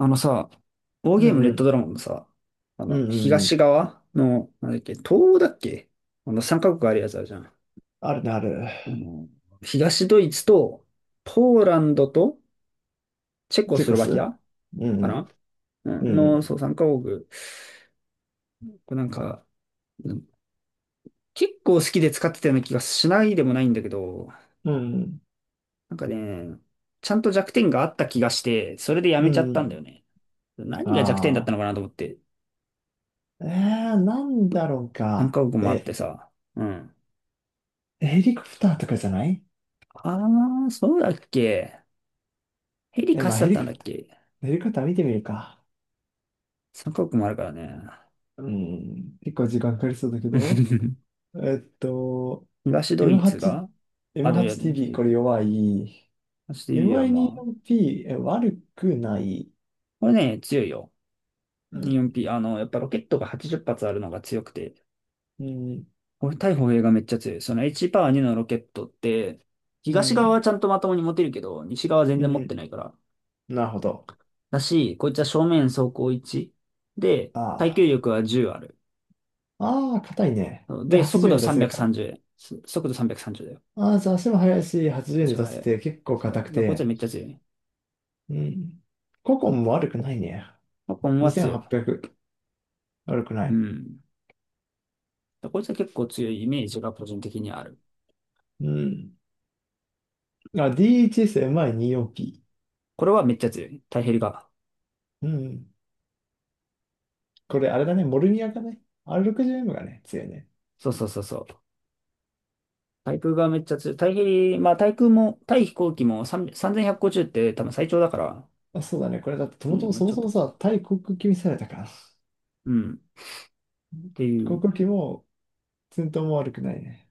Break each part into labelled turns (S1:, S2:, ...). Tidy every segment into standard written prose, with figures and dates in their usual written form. S1: あのさ、ウォー
S2: う
S1: ゲー
S2: ん
S1: ムレ
S2: う
S1: ッド
S2: ん。
S1: ドラゴンのさ、
S2: うんうんうん。
S1: 東側の、なんだっけ、東欧だっけ。3カ国あるやつあるじゃん。
S2: あるね、ある。
S1: あの、東ドイツと、ポーランドと、チェコ
S2: チュ
S1: スロ
S2: コ
S1: バキ
S2: ス
S1: ア
S2: う
S1: か
S2: ん
S1: な。うん
S2: う
S1: の、
S2: ん。
S1: そう、3カ国。これなんか、うん結構好きで使ってたような気がしないでもないんだけど、
S2: うんうん。
S1: なんかね、ちゃんと弱点があった気がして、それでや
S2: う
S1: めちゃ
S2: ん。
S1: っ
S2: う
S1: たんだ
S2: ん。
S1: よね。何が弱点だっ
S2: あ
S1: たの
S2: あ。
S1: かなと思って、
S2: なんだろう
S1: 3カ
S2: か。
S1: 国もあっ
S2: え、
S1: てさ。うん。
S2: ヘリコプターとかじゃない？
S1: ああ、そうだっけ。ヘリ
S2: え、
S1: 貸
S2: まあ
S1: しだ
S2: ヘ
S1: っ
S2: リ
S1: たん
S2: コ、
S1: だっけ。
S2: ヘリコプター見てみるか。
S1: 三カ国もあるからね。
S2: うん。結構時間かかりそうだけど。えっと、
S1: 東ドイツ
S2: M8、
S1: が、あ、でもいや、でもそ
S2: M8TV
S1: う、
S2: これ弱い。
S1: 東ドイツはまあ、
S2: MI24P、え、悪くない。
S1: これね、強いよ。
S2: うん。
S1: 4P、やっぱロケットが80発あるのが強くて、
S2: うん。
S1: これ対歩兵がめっちゃ強い。その H パワー2のロケットって、
S2: う
S1: 東側は
S2: ん。
S1: ちゃんとまともに持てるけど、西側は全
S2: う
S1: 然持って
S2: ん。
S1: ないから。
S2: なるほど。
S1: だし、こいつは正面走行1で、耐
S2: あ
S1: 久
S2: あ。
S1: 力は10ある。
S2: ああ、硬いね。で、
S1: で、速
S2: 80
S1: 度
S2: 円出せるから。
S1: 330。速度330だよ。
S2: ああ、じゃあ足も速いし、80
S1: 足
S2: 円で
S1: が
S2: 出せ
S1: 速い。
S2: て結構
S1: そう。
S2: 硬
S1: だか
S2: く
S1: らこいつは
S2: て。
S1: めっちゃ強い。
S2: うん。ココンも悪くないね。
S1: まあ、コンは強い。
S2: 2800。悪くな
S1: う
S2: い。
S1: ん。だからこいつは結構強いイメージが個人的にある。
S2: うん。あ、DHSMI24P。
S1: これはめっちゃ強い。タイヘリが。
S2: うん。これあれだね、モルニアかね。R60M がね、強いね。
S1: そうそうそうそう。対空がめっちゃ強い。タヘリ、まあ対空も、対飛行機も3 3150って多分最長だから、
S2: あ、そうだね。これだって、と
S1: う
S2: もと
S1: ん、
S2: も
S1: まあ
S2: そ
S1: ち
S2: も
S1: ょっ
S2: そ
S1: と
S2: も
S1: 強い。
S2: さ、対航空機ミサイルだから。
S1: うん。ってい
S2: 航
S1: う、
S2: 空機も、戦闘も悪くないね。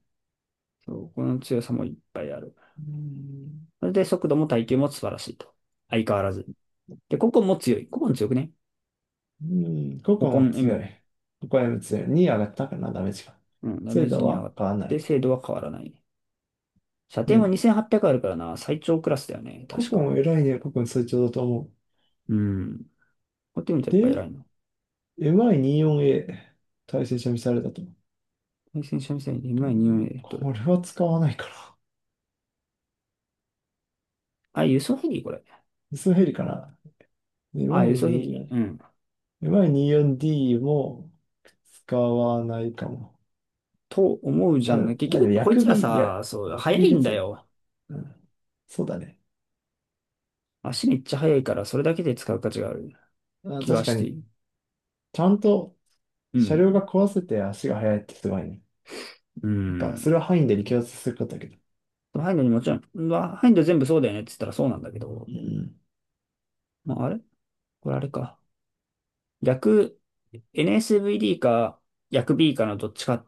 S1: そう、この強さもいっぱいある。
S2: うん。
S1: それで速度も耐久も素晴らしいと。相変わらず。で、ココンも強い。ココン強くね。
S2: うん、こ
S1: コ
S2: こ
S1: コ
S2: も
S1: ン
S2: 強
S1: M。
S2: い。ここも強い。2上がったかな、ダメージが。
S1: うん、ダメ
S2: 精
S1: ージ
S2: 度
S1: に上が
S2: は
S1: っ
S2: 変わらな
S1: て
S2: い。
S1: 精度は変わらない。射
S2: う
S1: 程も
S2: ん。
S1: 2800あるからな、最長クラスだよね、
S2: こ
S1: 確
S2: こも
S1: か。
S2: 偉いね、ここの成長だと思う。
S1: うん。こうやって見るとやっぱ
S2: で、
S1: 偉いな。
S2: MI24A、対戦車ミサイルだと。
S1: 対戦車ミサイル、に
S2: う
S1: 2
S2: ん、
S1: a どれ
S2: こ
S1: だ
S2: れは使わないから。
S1: あ、輸送ヘリこれ。
S2: ミスヘリかな。
S1: あ、輸送ヘリね。
S2: MI24、
S1: うん。
S2: MI24D も使わないかも。
S1: と思うじゃ
S2: あ、で
S1: んね。
S2: も、
S1: 結
S2: あでも
S1: 局、こい
S2: 薬
S1: つ
S2: 味、
S1: ら
S2: いや、
S1: さ、そう、
S2: 薬
S1: 速
S2: 味
S1: い
S2: が
S1: んだ
S2: 強い。
S1: よ。
S2: うん。そうだね。
S1: 足めっちゃ速いから、それだけで使う価値がある
S2: あ、
S1: 気が
S2: 確か
S1: して
S2: に、
S1: いる。
S2: ちゃんと
S1: う
S2: 車両
S1: ん。
S2: が壊せて足が速いってすごいね。
S1: う
S2: なんか、そ
S1: ん。
S2: れは範囲で力圧することだけど。
S1: ハインドにもちろん、うわハインド全部そうだよねって言ったらそうなんだけど。
S2: うん。
S1: まあ、あれこれあれか。逆、NSVD か、逆 B かのどっちか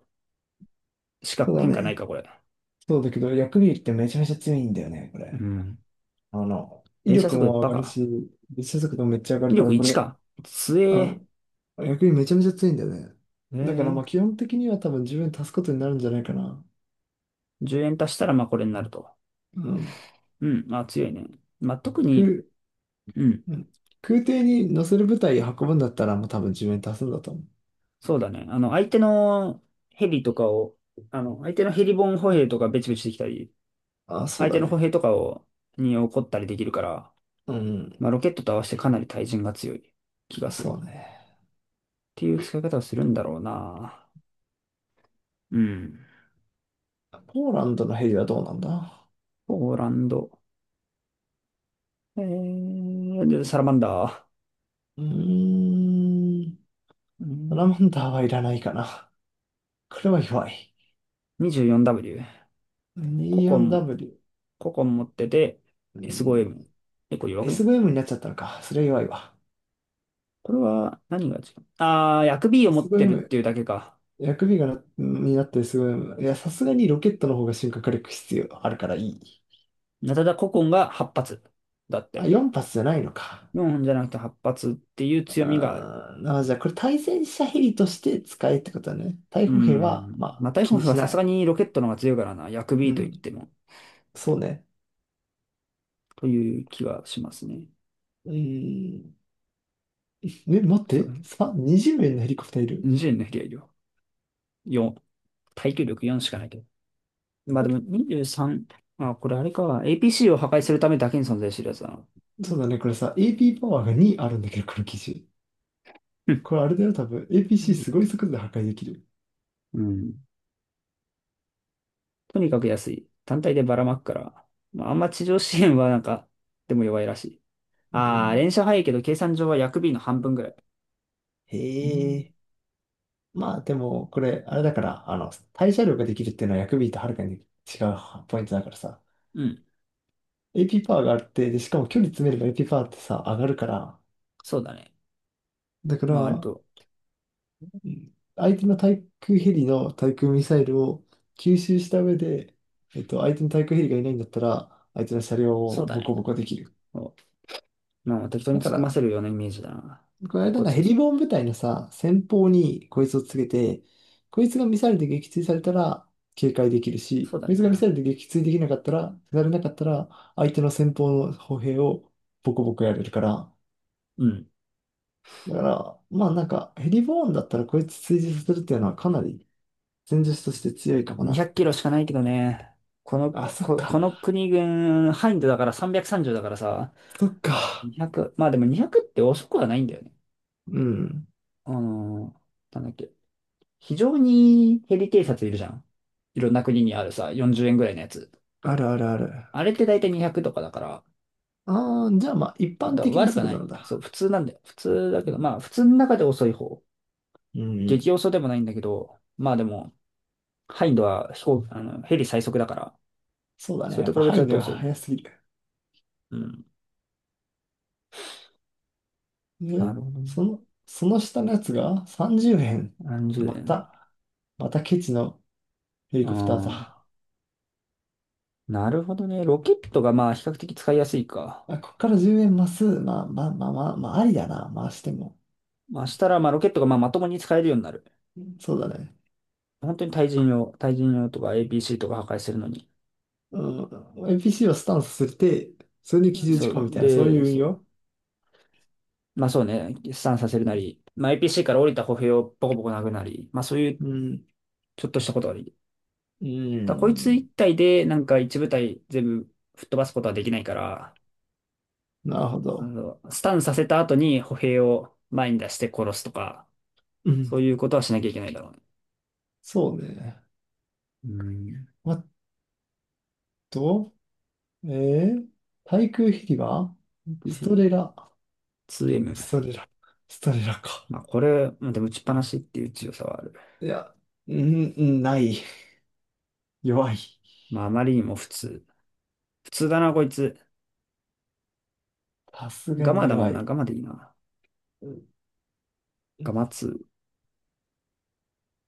S1: しか
S2: そうだ
S1: 変化ないか、
S2: ね。
S1: これ。
S2: そうだけど、薬味ってめちゃめちゃ強いんだよね、こ
S1: う
S2: れ。
S1: ん。
S2: あの、威
S1: 連射
S2: 力
S1: 速度
S2: も上
S1: バ
S2: がる
S1: カ。
S2: し、列車速度もめっちゃ上がる
S1: 威
S2: から、
S1: 力
S2: こ
S1: 1
S2: れ、
S1: か。強
S2: あ
S1: え。
S2: の、薬味めちゃめちゃ強いんだよね。
S1: え
S2: だから、ま
S1: ー、
S2: あ、基本的には多分自分足すことになるんじゃないかな。
S1: 10円足したらまあこれになると。
S2: うん。
S1: うん、あ、強いね。まあ特に、
S2: 空、
S1: うん、
S2: うん。空挺に乗せる部隊運ぶんだったら、もう多分自分足すんだと思う。
S1: そうだね。相手のヘリとかを、相手のヘリボーン歩兵とかベチベチできたり、
S2: あ、そう
S1: 相
S2: だ
S1: 手の歩兵
S2: ね。
S1: とかを、に怒ったりできるから、
S2: う
S1: ま
S2: ん。
S1: あロケットと合わせてかなり対人が強い気がする。
S2: そ
S1: っ
S2: うね。
S1: ていう使い方をするんだろうな。うん。
S2: ポーランドのヘリはどうなんだ？
S1: ポーランド。でサラマンダー。
S2: うーん。
S1: う
S2: サラ
S1: ん。
S2: マンダーはいらないかな。これは弱い。
S1: 24W。ココン。
S2: 24W。
S1: 個々持ってて、
S2: う
S1: s 5
S2: ん。
S1: m 結構弱くね。
S2: SVM になっちゃったのか。それは弱いわ。
S1: これは何が違う。薬 B を持ってるっ
S2: SVM、
S1: ていうだけか。
S2: 薬味がな、になった SVM。いや、さすがにロケットの方が進化火力必要あるからいい。
S1: ナタダココンが8発。だっ
S2: あ、
S1: て。
S2: 4発じゃないのか。
S1: 4じゃなくて8発っていう強みがある。
S2: あーあ、じゃあこれ対戦車ヘリとして使えってことだね。対
S1: うー
S2: 捕兵は、
S1: ん。
S2: まあ、
S1: まあ、タイフ
S2: 気
S1: ォ
S2: に
S1: ンは
S2: し
S1: さ
S2: な
S1: すが
S2: い。
S1: にロケットの方が強いからな。薬
S2: う
S1: B と言っ
S2: ん。
S1: ても。
S2: そうね。
S1: という気はしますね。
S2: うーん。え、待っ
S1: そ
S2: て。
S1: う。
S2: さ、20名のヘリコプターいる。
S1: 20の比例量。4。耐久力4しかないけど。まあでも
S2: え、
S1: 23。まあ、これあれか。APC を破壊するためだけに存在してるやつだな。
S2: そうだね、これさ、AP パワーが2あるんだけど、この機種。
S1: うん。
S2: これあれだよ、多分。APC すごい速度で破壊できる。
S1: うん。とにかく安い。単体でばらまくから。まあ、あんま地上支援はなんか、でも弱いらしい。
S2: う
S1: ああ、
S2: ん。
S1: 連射早いけど計算上は薬 B の半分ぐらい。
S2: へ
S1: うん。
S2: え。まあでも、これ、あれだから、あの、対射量ができるっていうのは薬 B とはるかに違うポイントだからさ。
S1: うん
S2: AP パワーがあって、で、しかも距離詰めれば AP パワーってさ、上がるから、
S1: そうだね。
S2: だか
S1: まあ割
S2: ら、
S1: と、
S2: うん、相手の対空ヘリの対空ミサイルを吸収した上で、相手の対空ヘリがいないんだったら、相手の車両
S1: そう
S2: を
S1: だ
S2: ボコ
S1: ね。
S2: ボコできる。
S1: そうまあ適当に
S2: だ
S1: 突っ
S2: か
S1: 込
S2: ら、
S1: ませるようなイメージだな。
S2: この
S1: 結
S2: 間
S1: 構
S2: のヘ
S1: 強
S2: リ
S1: そう。
S2: ボーン部隊のさ、先方にこいつをつけて、こいつがミサイルで撃墜されたら警戒できる
S1: そ
S2: し、
S1: うだ
S2: こい
S1: ね。
S2: つがミサイルで撃墜できなかったら、されなかったら、相手の先方の歩兵をボコボコやれるから。
S1: うん。
S2: だから、まあなんか、ヘリボーンだったらこいつ追従させるっていうのはかなり戦術として強いかも
S1: 200
S2: な。
S1: キロしかないけどね。この、
S2: あ、そっ
S1: こ、こ
S2: か、
S1: の国軍、ハインドだから330だからさ、
S2: そっか。
S1: 200、まあでも200って遅くはないんだよね。
S2: うん。
S1: あのなんだっけ。非常にヘリ偵察いるじゃん。いろんな国にあるさ、40円ぐらいのやつ。
S2: あるあるある。
S1: あれって大体200とかだから、
S2: ああ、じゃあまあ、一
S1: だ
S2: 般
S1: から
S2: 的な
S1: 悪く
S2: 速
S1: な
S2: 度な
S1: い。
S2: ん
S1: そう、
S2: だ。
S1: 普通なんだよ。普通だ
S2: う
S1: けど、まあ、
S2: ん。
S1: 普通の中で遅い方。
S2: うんう
S1: 激
S2: ん。
S1: 遅でもないんだけど、まあでも、ハインドは飛行、ヘリ最速だから、
S2: そうだね。
S1: それ
S2: やっ
S1: と
S2: ぱ
S1: 比べち
S2: 範
S1: ゃ
S2: 囲
S1: うと
S2: が
S1: 遅い。
S2: 速すぎる。
S1: うん。な
S2: ね、
S1: るほどね。
S2: その、その下のやつが30円。
S1: 何十
S2: ま
S1: 円。
S2: た、またケチのヘリ
S1: う
S2: コプター
S1: ん。
S2: だ。
S1: なるほどね。ロケットがまあ比較的使いやすいか。
S2: あ、こっから10円増す。まあまあまあまあ、まあ、ありだな。回しても。
S1: まあしたらまあロケットがまあまともに使えるようになる。
S2: そうだね。
S1: 本当に対人用、対人用とか APC とか破壊するのに。
S2: うん。NPC をスタンスさせて、それに
S1: う
S2: 基
S1: ん
S2: 準
S1: そ
S2: 事
S1: う、
S2: 項みたいな、そうい
S1: で、
S2: う運
S1: そ
S2: 用。
S1: う。まあそうね、飛散させるなり、まあ APC から降りた歩兵をボコボコ殴るなり、まあそういう
S2: うん。
S1: ちょっとしたことができる。
S2: う
S1: ただこいつ一
S2: ん。
S1: 体でなんか一部隊全部吹っ飛ばすことはできないから、
S2: なるほ
S1: うん
S2: ど。
S1: そうスタンさせた後に歩兵を前に出して殺すとか、
S2: うん。
S1: そういうことはしなきゃいけないだろうね。
S2: そうね。
S1: うん。
S2: あと、えー、対空ヘリはストレラ。
S1: 2M。
S2: ストレラ。ストレラか。
S1: まあこれ、まあでも打ちっぱなしっていう強さはある。
S2: いや、うん、うんない。弱い。
S1: まああまりにも普通。普通だな、こいつ。
S2: さすが
S1: ガ
S2: に
S1: マだも
S2: 弱
S1: んな、
S2: い。
S1: ガマでいいな。
S2: うんう
S1: ガ
S2: ん、
S1: マ2。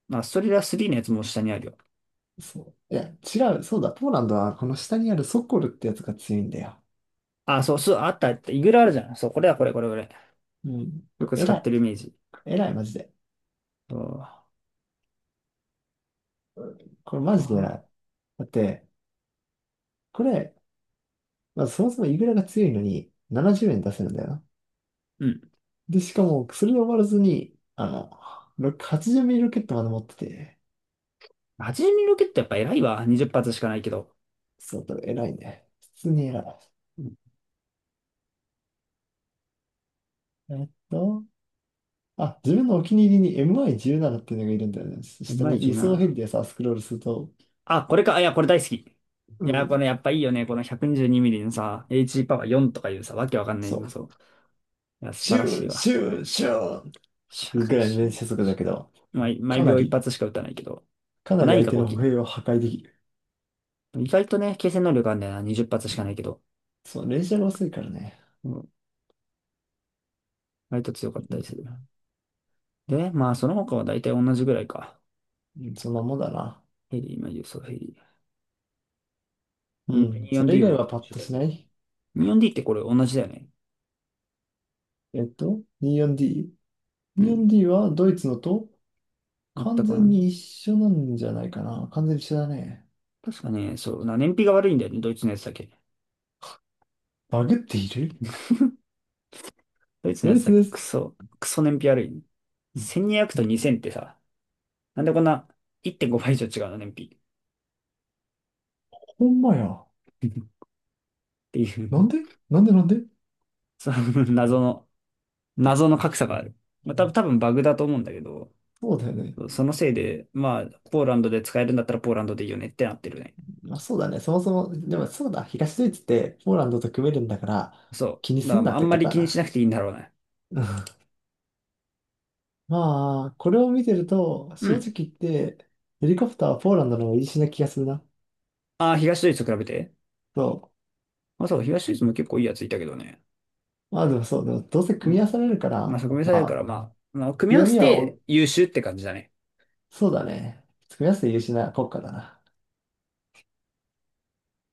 S1: まあストリラ3のやつも下にあるよ。
S2: そう。いや、違う。そうだ。ポーランドはこの下にあるソコルってやつが強いんだよ。
S1: あ、そう、そう、あったあった。イグラあるじゃん。そう、これだ、これ、これ、これ。
S2: うん。
S1: よ
S2: こ
S1: く
S2: れ
S1: 使
S2: 偉
S1: って
S2: い。
S1: るイメージ。
S2: 偉い、マジで。
S1: そう。あ
S2: これマジで偉
S1: あ。
S2: い。だって、これ、まずそもそもイグラが強いのに70円出せるんだよな。
S1: うん。
S2: で、しかも、それで終わらずに、あの、ろく80ミリロケットまで持ってて、
S1: 80ミリロケットやっぱ偉いわ。20発しかないけど。
S2: そう、だから偉いね。普通に偉い。
S1: うん。
S2: えっと、あ、自分のお気に入りに MI17 っていうのがいるんだよね。下
S1: 前
S2: に輸送ヘ
S1: 17。
S2: リでさ、スクロールすると、
S1: あ、これか。あいや、これ大好き。い
S2: う
S1: や、こ
S2: ん。
S1: れやっぱいいよね。この122ミリのさ、H パワー4とかいうさ、わけわかんない
S2: そ
S1: け
S2: う。
S1: ど、そう。いや、素晴
S2: シ
S1: ら
S2: ュ
S1: しい
S2: ー、シ
S1: わ。
S2: ュー、シュ
S1: シ
S2: ー
S1: ャ
S2: ぐ
S1: ン
S2: らいの
S1: シャ
S2: 連
S1: ン
S2: 射速度だ
S1: シ
S2: けど、
S1: ャン
S2: か
S1: 毎
S2: な
S1: 秒1
S2: り、
S1: 発しか撃たないけど、
S2: か
S1: まあ、
S2: なり
S1: 何
S2: 相
S1: か
S2: 手
S1: が
S2: の
S1: 起
S2: 歩
S1: きる。
S2: 兵を破壊できる。
S1: 意外とね、継戦能力あるんだよな。20発しかないけど。
S2: そう、連射が遅いからね。
S1: うん。割と強かっ
S2: う
S1: たり
S2: ん、
S1: する。で、まあ、その他は大体同じぐらいか。
S2: うん、そんなもんだな。
S1: ヘリー、マそう、ヘリにじゅ
S2: うん。
S1: うよ
S2: そ
S1: んデ
S2: れ
S1: ィ
S2: 以
S1: ー。24D
S2: 外
S1: も
S2: はパッ
S1: 一緒
S2: と
S1: だよ
S2: し
S1: ね。に
S2: ない。
S1: じゅうよんディーってこれ同じだよね。
S2: 24D。
S1: うん。
S2: 24D はドイツのと
S1: 全
S2: 完
S1: く同
S2: 全
S1: じ。
S2: に一緒なんじゃないかな。完全に一緒だね。
S1: 確かね、そう、燃費が悪いんだよね、ドイツのやつだけ。
S2: バグっている
S1: ドイツの
S2: ド
S1: や
S2: イ
S1: つ
S2: ツ
S1: だけ、
S2: です。
S1: クソ燃費悪いね、1200と2000ってさ、なんでこんな1.5倍以上違うの、燃費。っ
S2: ほんまや。
S1: てい
S2: な
S1: う
S2: んでなんでう
S1: その謎の、謎の格差がある。まあ、
S2: ん、
S1: 多分バグだと思うんだけど、
S2: そうだよね。
S1: そのせいで、まあ、ポーランドで使えるんだったらポーランドでいいよねってなってるね。
S2: まあそうだね。そもそも、でもそうだ。東ドイツってポーランドと組めるんだから、
S1: そ
S2: 気に
S1: う。だ
S2: す
S1: か
S2: んな
S1: ら
S2: っ
S1: あん
S2: て
S1: ま
S2: こと
S1: り
S2: だ
S1: 気にしな
S2: な。
S1: くていいんだろうね。
S2: うん、まあ、これを見てると、
S1: う
S2: 正直
S1: ん。
S2: 言って、ヘリコプターはポーランドの方がいいしな気がするな。
S1: ああ、東ドイツと比べて。
S2: そ
S1: まあそう、東ドイツも結構いいやついたけどね。
S2: う。まあでもそう、でもどうせ
S1: う
S2: 組
S1: ん。
S2: み合わされるか
S1: まあそ
S2: ら、
S1: こ目さだ
S2: ま
S1: から、
S2: あ、
S1: まあ、組み合
S2: 強
S1: わせ
S2: みは
S1: て
S2: お、
S1: 優秀って感じだね。
S2: そうだね。組み合わせて優秀な国家だな。